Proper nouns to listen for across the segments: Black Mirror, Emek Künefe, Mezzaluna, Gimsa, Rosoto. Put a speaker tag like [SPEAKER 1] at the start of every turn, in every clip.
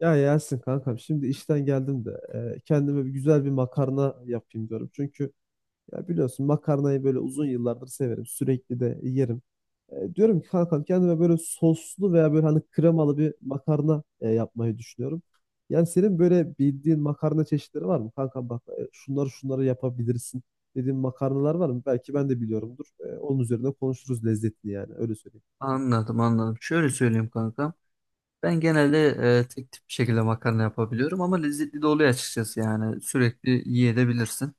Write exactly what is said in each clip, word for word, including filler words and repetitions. [SPEAKER 1] Ya Yasin kankam şimdi işten geldim de e, kendime bir güzel bir makarna yapayım diyorum. Çünkü ya biliyorsun makarnayı böyle uzun yıllardır severim. Sürekli de yerim. E, diyorum ki kankam kendime böyle soslu veya böyle hani kremalı bir makarna e, yapmayı düşünüyorum. Yani senin böyle bildiğin makarna çeşitleri var mı? Kankam bak e, şunları şunları yapabilirsin dediğin makarnalar var mı? Belki ben de biliyorumdur. E, onun üzerine konuşuruz lezzetini yani öyle söyleyeyim.
[SPEAKER 2] Anladım anladım. Şöyle söyleyeyim kankam. Ben genelde e, tek tip bir şekilde makarna yapabiliyorum ama lezzetli de oluyor açıkçası yani sürekli yiyebilirsin.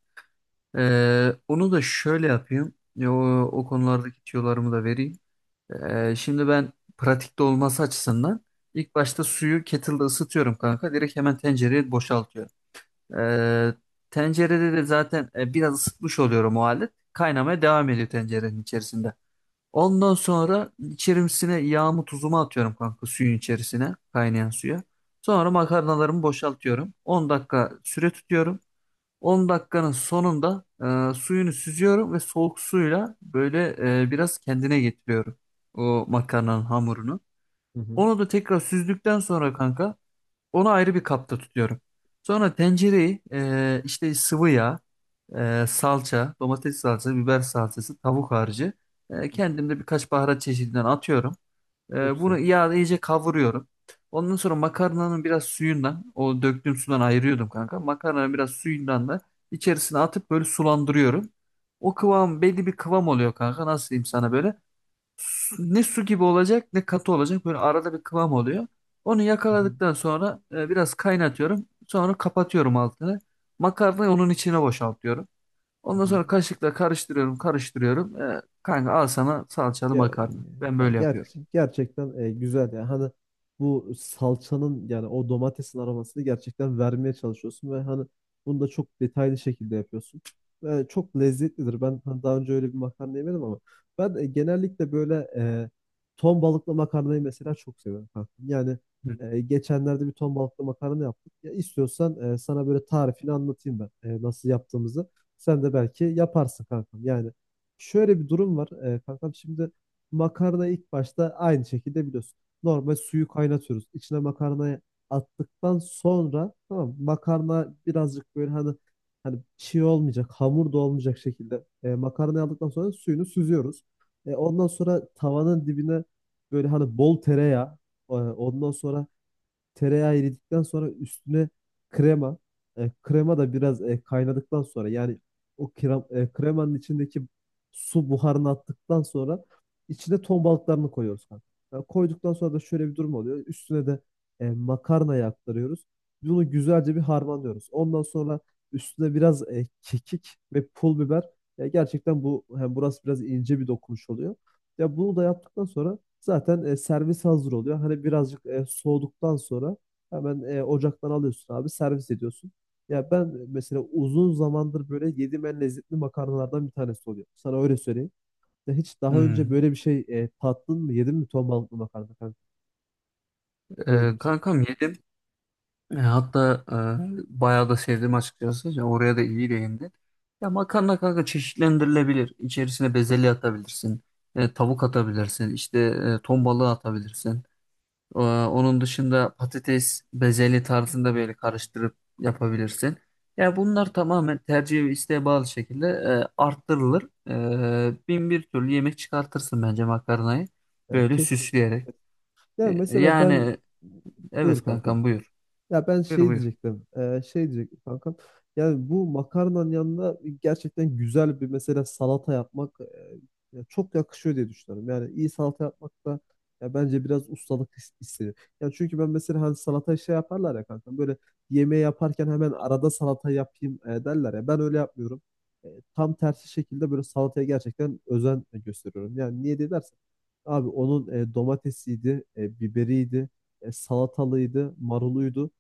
[SPEAKER 2] E, onu da şöyle yapayım. E, O, o konulardaki tüyolarımı da vereyim. E, şimdi ben pratikte olması açısından ilk başta suyu kettle'da ısıtıyorum kanka. Direkt hemen tencereye boşaltıyorum. E, Tencerede de zaten e, biraz ısıtmış oluyorum o halde. Kaynamaya devam ediyor tencerenin içerisinde. Ondan sonra içerisine yağımı tuzumu atıyorum kanka suyun içerisine kaynayan suya. Sonra makarnalarımı boşaltıyorum. on dakika süre tutuyorum. on dakikanın sonunda e, suyunu süzüyorum ve soğuk suyla böyle e, biraz kendine getiriyorum o makarnanın hamurunu.
[SPEAKER 1] Hı hı.
[SPEAKER 2] Onu da tekrar süzdükten sonra kanka onu ayrı bir kapta tutuyorum. Sonra tencereyi e, işte sıvı yağ, e, salça, domates salçası, biber salçası, tavuk harcı. E, kendim de birkaç baharat çeşidinden atıyorum.
[SPEAKER 1] Çok
[SPEAKER 2] E,
[SPEAKER 1] güzel.
[SPEAKER 2] bunu yağda iyice kavuruyorum. Ondan sonra makarnanın biraz suyundan, o döktüğüm sudan ayırıyordum kanka. Makarnanın biraz suyundan da içerisine atıp böyle sulandırıyorum. O kıvam belli bir kıvam oluyor kanka. Nasıl diyeyim sana böyle? Ne su gibi olacak ne katı olacak. Böyle arada bir kıvam oluyor. Onu
[SPEAKER 1] Hı hı.
[SPEAKER 2] yakaladıktan sonra e, biraz kaynatıyorum. Sonra kapatıyorum altını. Makarnayı onun içine boşaltıyorum.
[SPEAKER 1] Hı
[SPEAKER 2] Ondan
[SPEAKER 1] hı.
[SPEAKER 2] sonra kaşıkla karıştırıyorum, karıştırıyorum. E, kanka al sana salçalı
[SPEAKER 1] Ya,
[SPEAKER 2] makarna. Ben
[SPEAKER 1] ya
[SPEAKER 2] böyle yapıyorum.
[SPEAKER 1] ger- gerçekten e, güzel ya. Hani bu salçanın yani o domatesin aromasını gerçekten vermeye çalışıyorsun ve hani bunu da çok detaylı şekilde yapıyorsun. Ve çok lezzetlidir. Ben hani daha önce öyle bir makarna yemedim ama ben e, genellikle böyle e, ton balıklı makarnayı mesela çok seviyorum kankam. Yani
[SPEAKER 2] Hı.
[SPEAKER 1] e, geçenlerde bir ton balıklı makarna yaptık. Ya istiyorsan e, sana böyle tarifini anlatayım ben e, nasıl yaptığımızı. Sen de belki yaparsın kankam. Yani şöyle bir durum var. E, kankam şimdi makarna ilk başta aynı şekilde biliyorsun. Normal suyu kaynatıyoruz. İçine makarnayı attıktan sonra, tamam mı? Makarna birazcık böyle hani hani çiğ olmayacak, hamur da olmayacak şekilde e, makarnayı aldıktan sonra suyunu süzüyoruz. E, ondan sonra tavanın dibine böyle hani bol tereyağı, e, ondan sonra tereyağı eridikten sonra üstüne krema. E, krema da biraz e, kaynadıktan sonra yani o krem, e, kremanın içindeki su buharını attıktan sonra içine ton balıklarını koyuyoruz kanka. Yani koyduktan sonra da şöyle bir durum oluyor. Üstüne de e, makarnayı aktarıyoruz. Bunu güzelce bir harmanlıyoruz. Ondan sonra üstüne biraz e, kekik ve pul biber. Ya gerçekten bu hem burası biraz ince bir dokunuş oluyor. Ya bunu da yaptıktan sonra zaten e, servis hazır oluyor. Hani birazcık e, soğuduktan sonra hemen e, ocaktan alıyorsun abi, servis ediyorsun. Ya ben mesela uzun zamandır böyle yediğim en lezzetli makarnalardan bir tanesi oluyor. Sana öyle söyleyeyim. Ya hiç daha önce
[SPEAKER 2] Hmm.
[SPEAKER 1] böyle bir şey e, tattın mı? Yedin mi ton balıklı makarna kanka? Öyle
[SPEAKER 2] E,
[SPEAKER 1] diyeyim sana.
[SPEAKER 2] kankam yedim. E, hatta e, bayağı da sevdim açıkçası. Ya oraya da iyi değindin. Ya makarna kanka çeşitlendirilebilir. İçerisine bezelye atabilirsin. E, tavuk atabilirsin. İşte e, ton balığı atabilirsin. Ee, Onun dışında patates bezeli tarzında böyle karıştırıp yapabilirsin. Ya bunlar tamamen tercih ve isteğe bağlı şekilde e, arttırılır. E, bin bir türlü yemek çıkartırsın bence makarnayı.
[SPEAKER 1] Ya
[SPEAKER 2] Böyle
[SPEAKER 1] kesin.
[SPEAKER 2] süsleyerek.
[SPEAKER 1] Ya
[SPEAKER 2] E,
[SPEAKER 1] mesela ben
[SPEAKER 2] yani evet
[SPEAKER 1] buyur kanka.
[SPEAKER 2] kankam buyur.
[SPEAKER 1] Ya ben
[SPEAKER 2] Buyur
[SPEAKER 1] şey
[SPEAKER 2] buyur.
[SPEAKER 1] diyecektim. E, şey diyecektim kankam. Yani bu makarnanın yanında gerçekten güzel bir mesela salata yapmak, e, ya çok yakışıyor diye düşünüyorum. Yani iyi salata yapmak da ya bence biraz ustalık is- istiyor. Ya çünkü ben mesela hani salata şey yaparlar ya kankam. Böyle yemeği yaparken hemen arada salata yapayım e, derler ya. Ben öyle yapmıyorum. E, Tam tersi şekilde böyle salataya gerçekten özen gösteriyorum. Yani niye diye dersen abi onun e, domatesiydi, e, biberiydi, e, salatalıydı, maruluydu.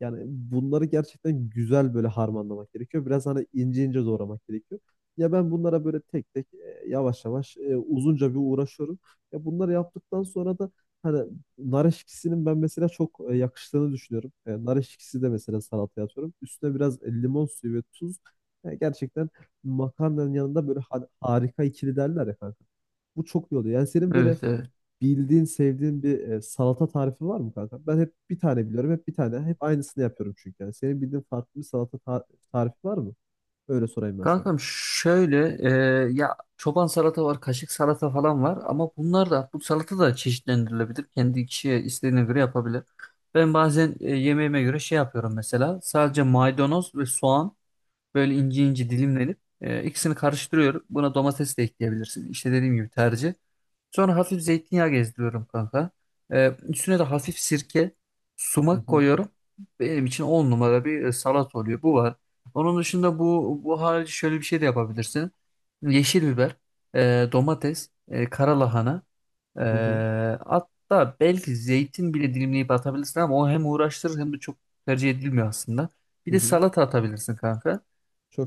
[SPEAKER 1] Yani bunları gerçekten güzel böyle harmanlamak gerekiyor. Biraz hani ince ince doğramak gerekiyor. Ya ben bunlara böyle tek tek e, yavaş yavaş e, uzunca bir uğraşıyorum. Ya bunları yaptıktan sonra da hani nar eşkisinin ben mesela çok e, yakıştığını düşünüyorum. E, nar eşkisi de mesela salataya atıyorum. Üstüne biraz e, limon suyu ve tuz. Yani gerçekten makarnanın yanında böyle har- harika ikili derler ya kanka. Bu çok iyi oluyor. Yani senin böyle
[SPEAKER 2] Evet evet.
[SPEAKER 1] bildiğin, sevdiğin bir e, salata tarifi var mı kanka? Ben hep bir tane biliyorum, hep bir tane. Hep aynısını yapıyorum çünkü. Yani senin bildiğin farklı bir salata ta- tarifi var mı? Öyle sorayım ben sana.
[SPEAKER 2] Kankam şöyle e, ya çoban salata var, kaşık salata falan var ama bunlar da bu salata da çeşitlendirilebilir. Kendi kişiye istediğine göre yapabilir. Ben bazen e, yemeğime göre şey yapıyorum mesela. Sadece maydanoz ve soğan böyle ince ince dilimlenip e, ikisini karıştırıyorum. Buna domates de ekleyebilirsin. İşte dediğim gibi tercih. Sonra hafif zeytinyağı gezdiriyorum kanka. Ee, üstüne de hafif sirke,
[SPEAKER 1] Hı
[SPEAKER 2] sumak
[SPEAKER 1] hı.
[SPEAKER 2] koyuyorum. Benim için on numara bir e, salat oluyor. Bu var. Onun dışında bu bu harici şöyle bir şey de yapabilirsin. Yeşil biber, e, domates, e, kara lahana, e,
[SPEAKER 1] Hı hı.
[SPEAKER 2] hatta belki zeytin bile dilimleyip atabilirsin ama o hem uğraştırır hem de çok tercih edilmiyor aslında. Bir
[SPEAKER 1] Hı
[SPEAKER 2] de
[SPEAKER 1] hı.
[SPEAKER 2] salata atabilirsin kanka.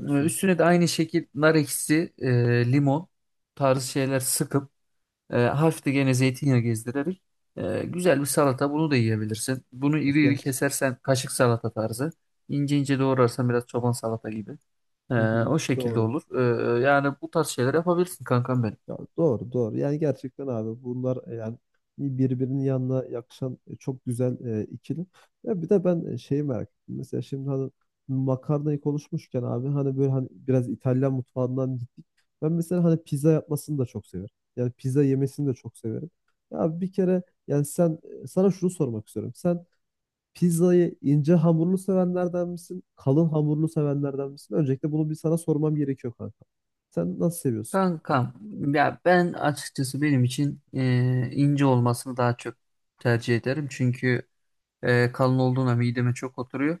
[SPEAKER 2] Ee,
[SPEAKER 1] güzel.
[SPEAKER 2] Üstüne de aynı şekil nar ekşisi, e, limon tarzı şeyler sıkıp e, hafif de gene zeytinyağı gezdirerek e, güzel bir salata bunu da yiyebilirsin. Bunu
[SPEAKER 1] E,
[SPEAKER 2] iri iri
[SPEAKER 1] Geç.
[SPEAKER 2] kesersen kaşık salata tarzı. İnce ince doğrarsan biraz çoban salata gibi. E,
[SPEAKER 1] Hı hı.
[SPEAKER 2] O şekilde
[SPEAKER 1] Doğru.
[SPEAKER 2] olur. E, yani bu tarz şeyler yapabilirsin kankam benim.
[SPEAKER 1] Ya doğru doğru. Yani gerçekten abi bunlar e, yani bir- birbirinin yanına yakışan e, çok güzel e, ikili. Ya bir de ben e, şeyi merak ettim. Mesela şimdi hani makarnayı konuşmuşken abi hani böyle hani biraz İtalyan mutfağından gittik. Ben mesela hani pizza yapmasını da çok severim. Yani pizza yemesini de çok severim. Ya bir kere yani sen e, sana şunu sormak istiyorum. Sen pizzayı ince hamurlu sevenlerden misin? Kalın hamurlu sevenlerden misin? Öncelikle bunu bir sana sormam gerekiyor kanka. Sen nasıl seviyorsun?
[SPEAKER 2] Kankam ya ben açıkçası benim için e, ince olmasını daha çok tercih ederim. Çünkü e, kalın olduğuna mideme çok oturuyor.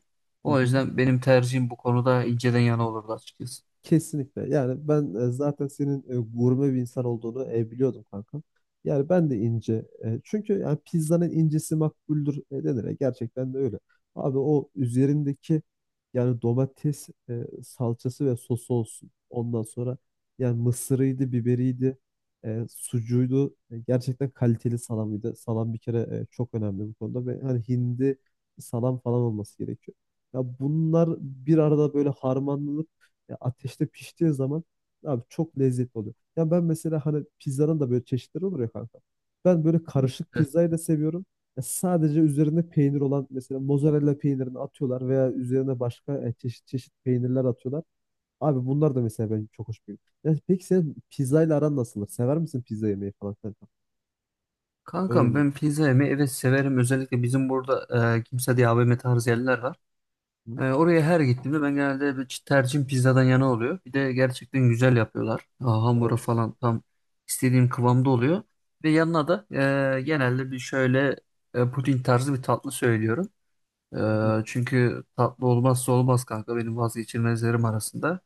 [SPEAKER 1] Hı
[SPEAKER 2] O
[SPEAKER 1] hı.
[SPEAKER 2] yüzden benim tercihim bu konuda inceden yana olurdu açıkçası.
[SPEAKER 1] Kesinlikle. Yani ben e, zaten senin e, gurme bir insan olduğunu e, biliyordum kankam. Yani ben de ince. E, çünkü yani pizzanın incesi makbuldür e, denir. E, gerçekten de öyle. Abi o üzerindeki yani domates e, salçası ve sosu olsun. Ondan sonra yani mısırıydı, biberiydi, e, sucuğuydu. E, gerçekten kaliteli salamıydı. Salam bir kere e, çok önemli bu konuda ve hani hindi salam falan olması gerekiyor. Ya bunlar bir arada böyle harmanlanır ya ateşte piştiği zaman abi çok lezzetli oluyor. Ya ben mesela hani pizzanın da böyle çeşitleri olur ya kanka. Ben böyle karışık pizzayı da seviyorum. Ya sadece üzerinde peynir olan mesela mozzarella peynirini atıyorlar veya üzerine başka e, çeşit çeşit peynirler atıyorlar. Abi bunlar da mesela benim çok hoş geliyor. Ya peki sen pizzayla aran nasıldır? Sever misin pizza yemeyi falan kanka? Öyle
[SPEAKER 2] Kankam
[SPEAKER 1] diyeyim.
[SPEAKER 2] ben pizza yemeyi evet severim. Özellikle bizim burada e, kimse diye A V M tarzı yerler var. E,
[SPEAKER 1] Hı?
[SPEAKER 2] oraya her gittiğimde ben genelde bir tercihim pizzadan yana oluyor. Bir de gerçekten güzel yapıyorlar. Aa, hamuru
[SPEAKER 1] Evet.
[SPEAKER 2] falan tam istediğim kıvamda oluyor. Ve yanına da e, genelde bir şöyle e, puding tarzı bir tatlı söylüyorum.
[SPEAKER 1] Hı hı.
[SPEAKER 2] E, çünkü tatlı olmazsa olmaz kanka benim vazgeçilmezlerim arasında.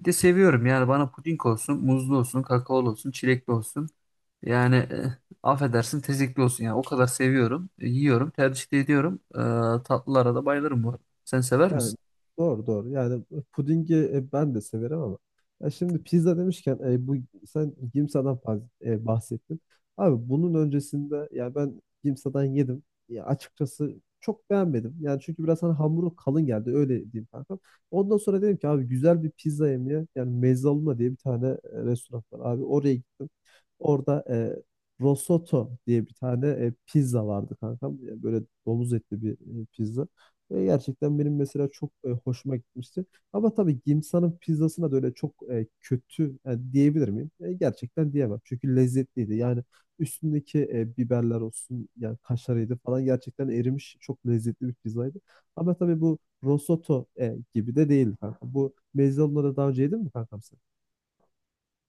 [SPEAKER 2] Bir de seviyorum yani bana puding olsun, muzlu olsun, kakaolu olsun, çilekli olsun. Yani eh, affedersin tezekli olsun. Yani o kadar seviyorum. e, Yiyorum. Tercih de ediyorum. E, tatlılara da bayılırım bu arada. Sen sever
[SPEAKER 1] Yani
[SPEAKER 2] misin?
[SPEAKER 1] doğru doğru. Yani pudingi e, ben de severim ama ya şimdi pizza demişken e, bu sen Gimsa'dan faz- e, bahsettin. Abi bunun öncesinde ya ben Gimsa'dan yedim. Ya açıkçası çok beğenmedim. Yani çünkü biraz hani hamuru kalın geldi öyle diyeyim kankam. Ondan sonra dedim ki abi güzel bir pizza yemeye yani Mezzaluna diye bir tane e, restoran var abi oraya gittim. Orada e, Rosoto diye bir tane e, pizza vardı kankam. E, Böyle domuz etli bir e, pizza. E, gerçekten benim mesela çok e, hoşuma gitmişti. Ama tabii Gimsa'nın pizzasına da öyle çok e, kötü e, diyebilir miyim? E, gerçekten diyemem. Çünkü lezzetliydi. Yani üstündeki e, biberler olsun yani kaşarıydı falan gerçekten erimiş çok lezzetli bir pizzaydı. Ama tabii bu Rosoto e, gibi de değildi kanka. Bu mezze onları daha önce yedin mi kankam sen?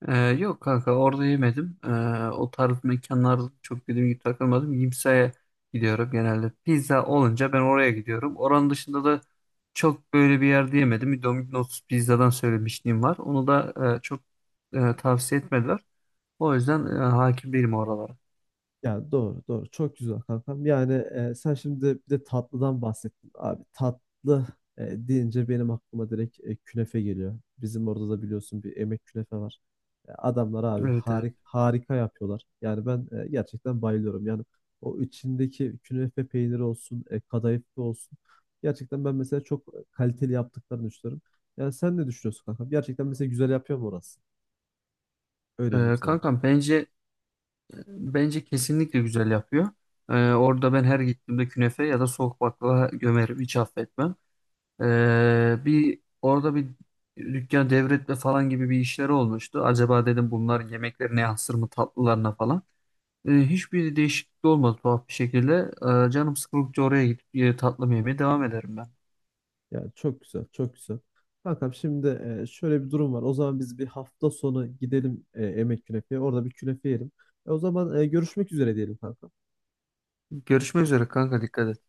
[SPEAKER 2] E, yok kanka orada yemedim. E, o tarz mekanlarda çok dediğim gibi takılmadım. Yimsa'ya gidiyorum genelde. Pizza olunca ben oraya gidiyorum. Oranın dışında da çok böyle bir yerde yemedim. Domino's pizzadan söylemişliğim var. Onu da e, çok e, tavsiye etmediler. O yüzden e, hakim değilim oralara.
[SPEAKER 1] Ya doğru doğru, çok güzel kankam. Yani e, sen şimdi bir de tatlıdan bahsettin abi. Tatlı e, deyince benim aklıma direkt e, künefe geliyor. Bizim orada da biliyorsun bir Emek Künefe var. E, adamlar abi
[SPEAKER 2] Evet evet.
[SPEAKER 1] harik, harika yapıyorlar. Yani ben e, gerçekten bayılıyorum. Yani o içindeki künefe peyniri olsun, e, kadayıflı olsun. Gerçekten ben mesela çok kaliteli yaptıklarını düşünüyorum. Yani sen ne düşünüyorsun kankam? Gerçekten mesela güzel yapıyor mu orası? Öyle diyeyim
[SPEAKER 2] E,
[SPEAKER 1] sana.
[SPEAKER 2] kankam bence Bence kesinlikle güzel yapıyor. Ee, orada ben her gittiğimde künefe ya da soğuk baklava gömerim. Hiç affetmem. Ee, bir orada bir dükkan devretme falan gibi bir işleri olmuştu. Acaba dedim bunlar yemeklerine yansır mı tatlılarına falan. Ee, hiçbir değişiklik olmadı tuhaf bir şekilde. Ee, canım sıkıldıkça oraya gidip e, tatlı mı yemeye devam ederim ben.
[SPEAKER 1] Ya çok güzel, çok güzel. Kankam şimdi e, şöyle bir durum var. O zaman biz bir hafta sonu gidelim e, Emek Künefe'ye. Orada bir künefe yiyelim. E, o zaman e, görüşmek üzere diyelim kankam.
[SPEAKER 2] Görüşmek üzere kanka dikkat et.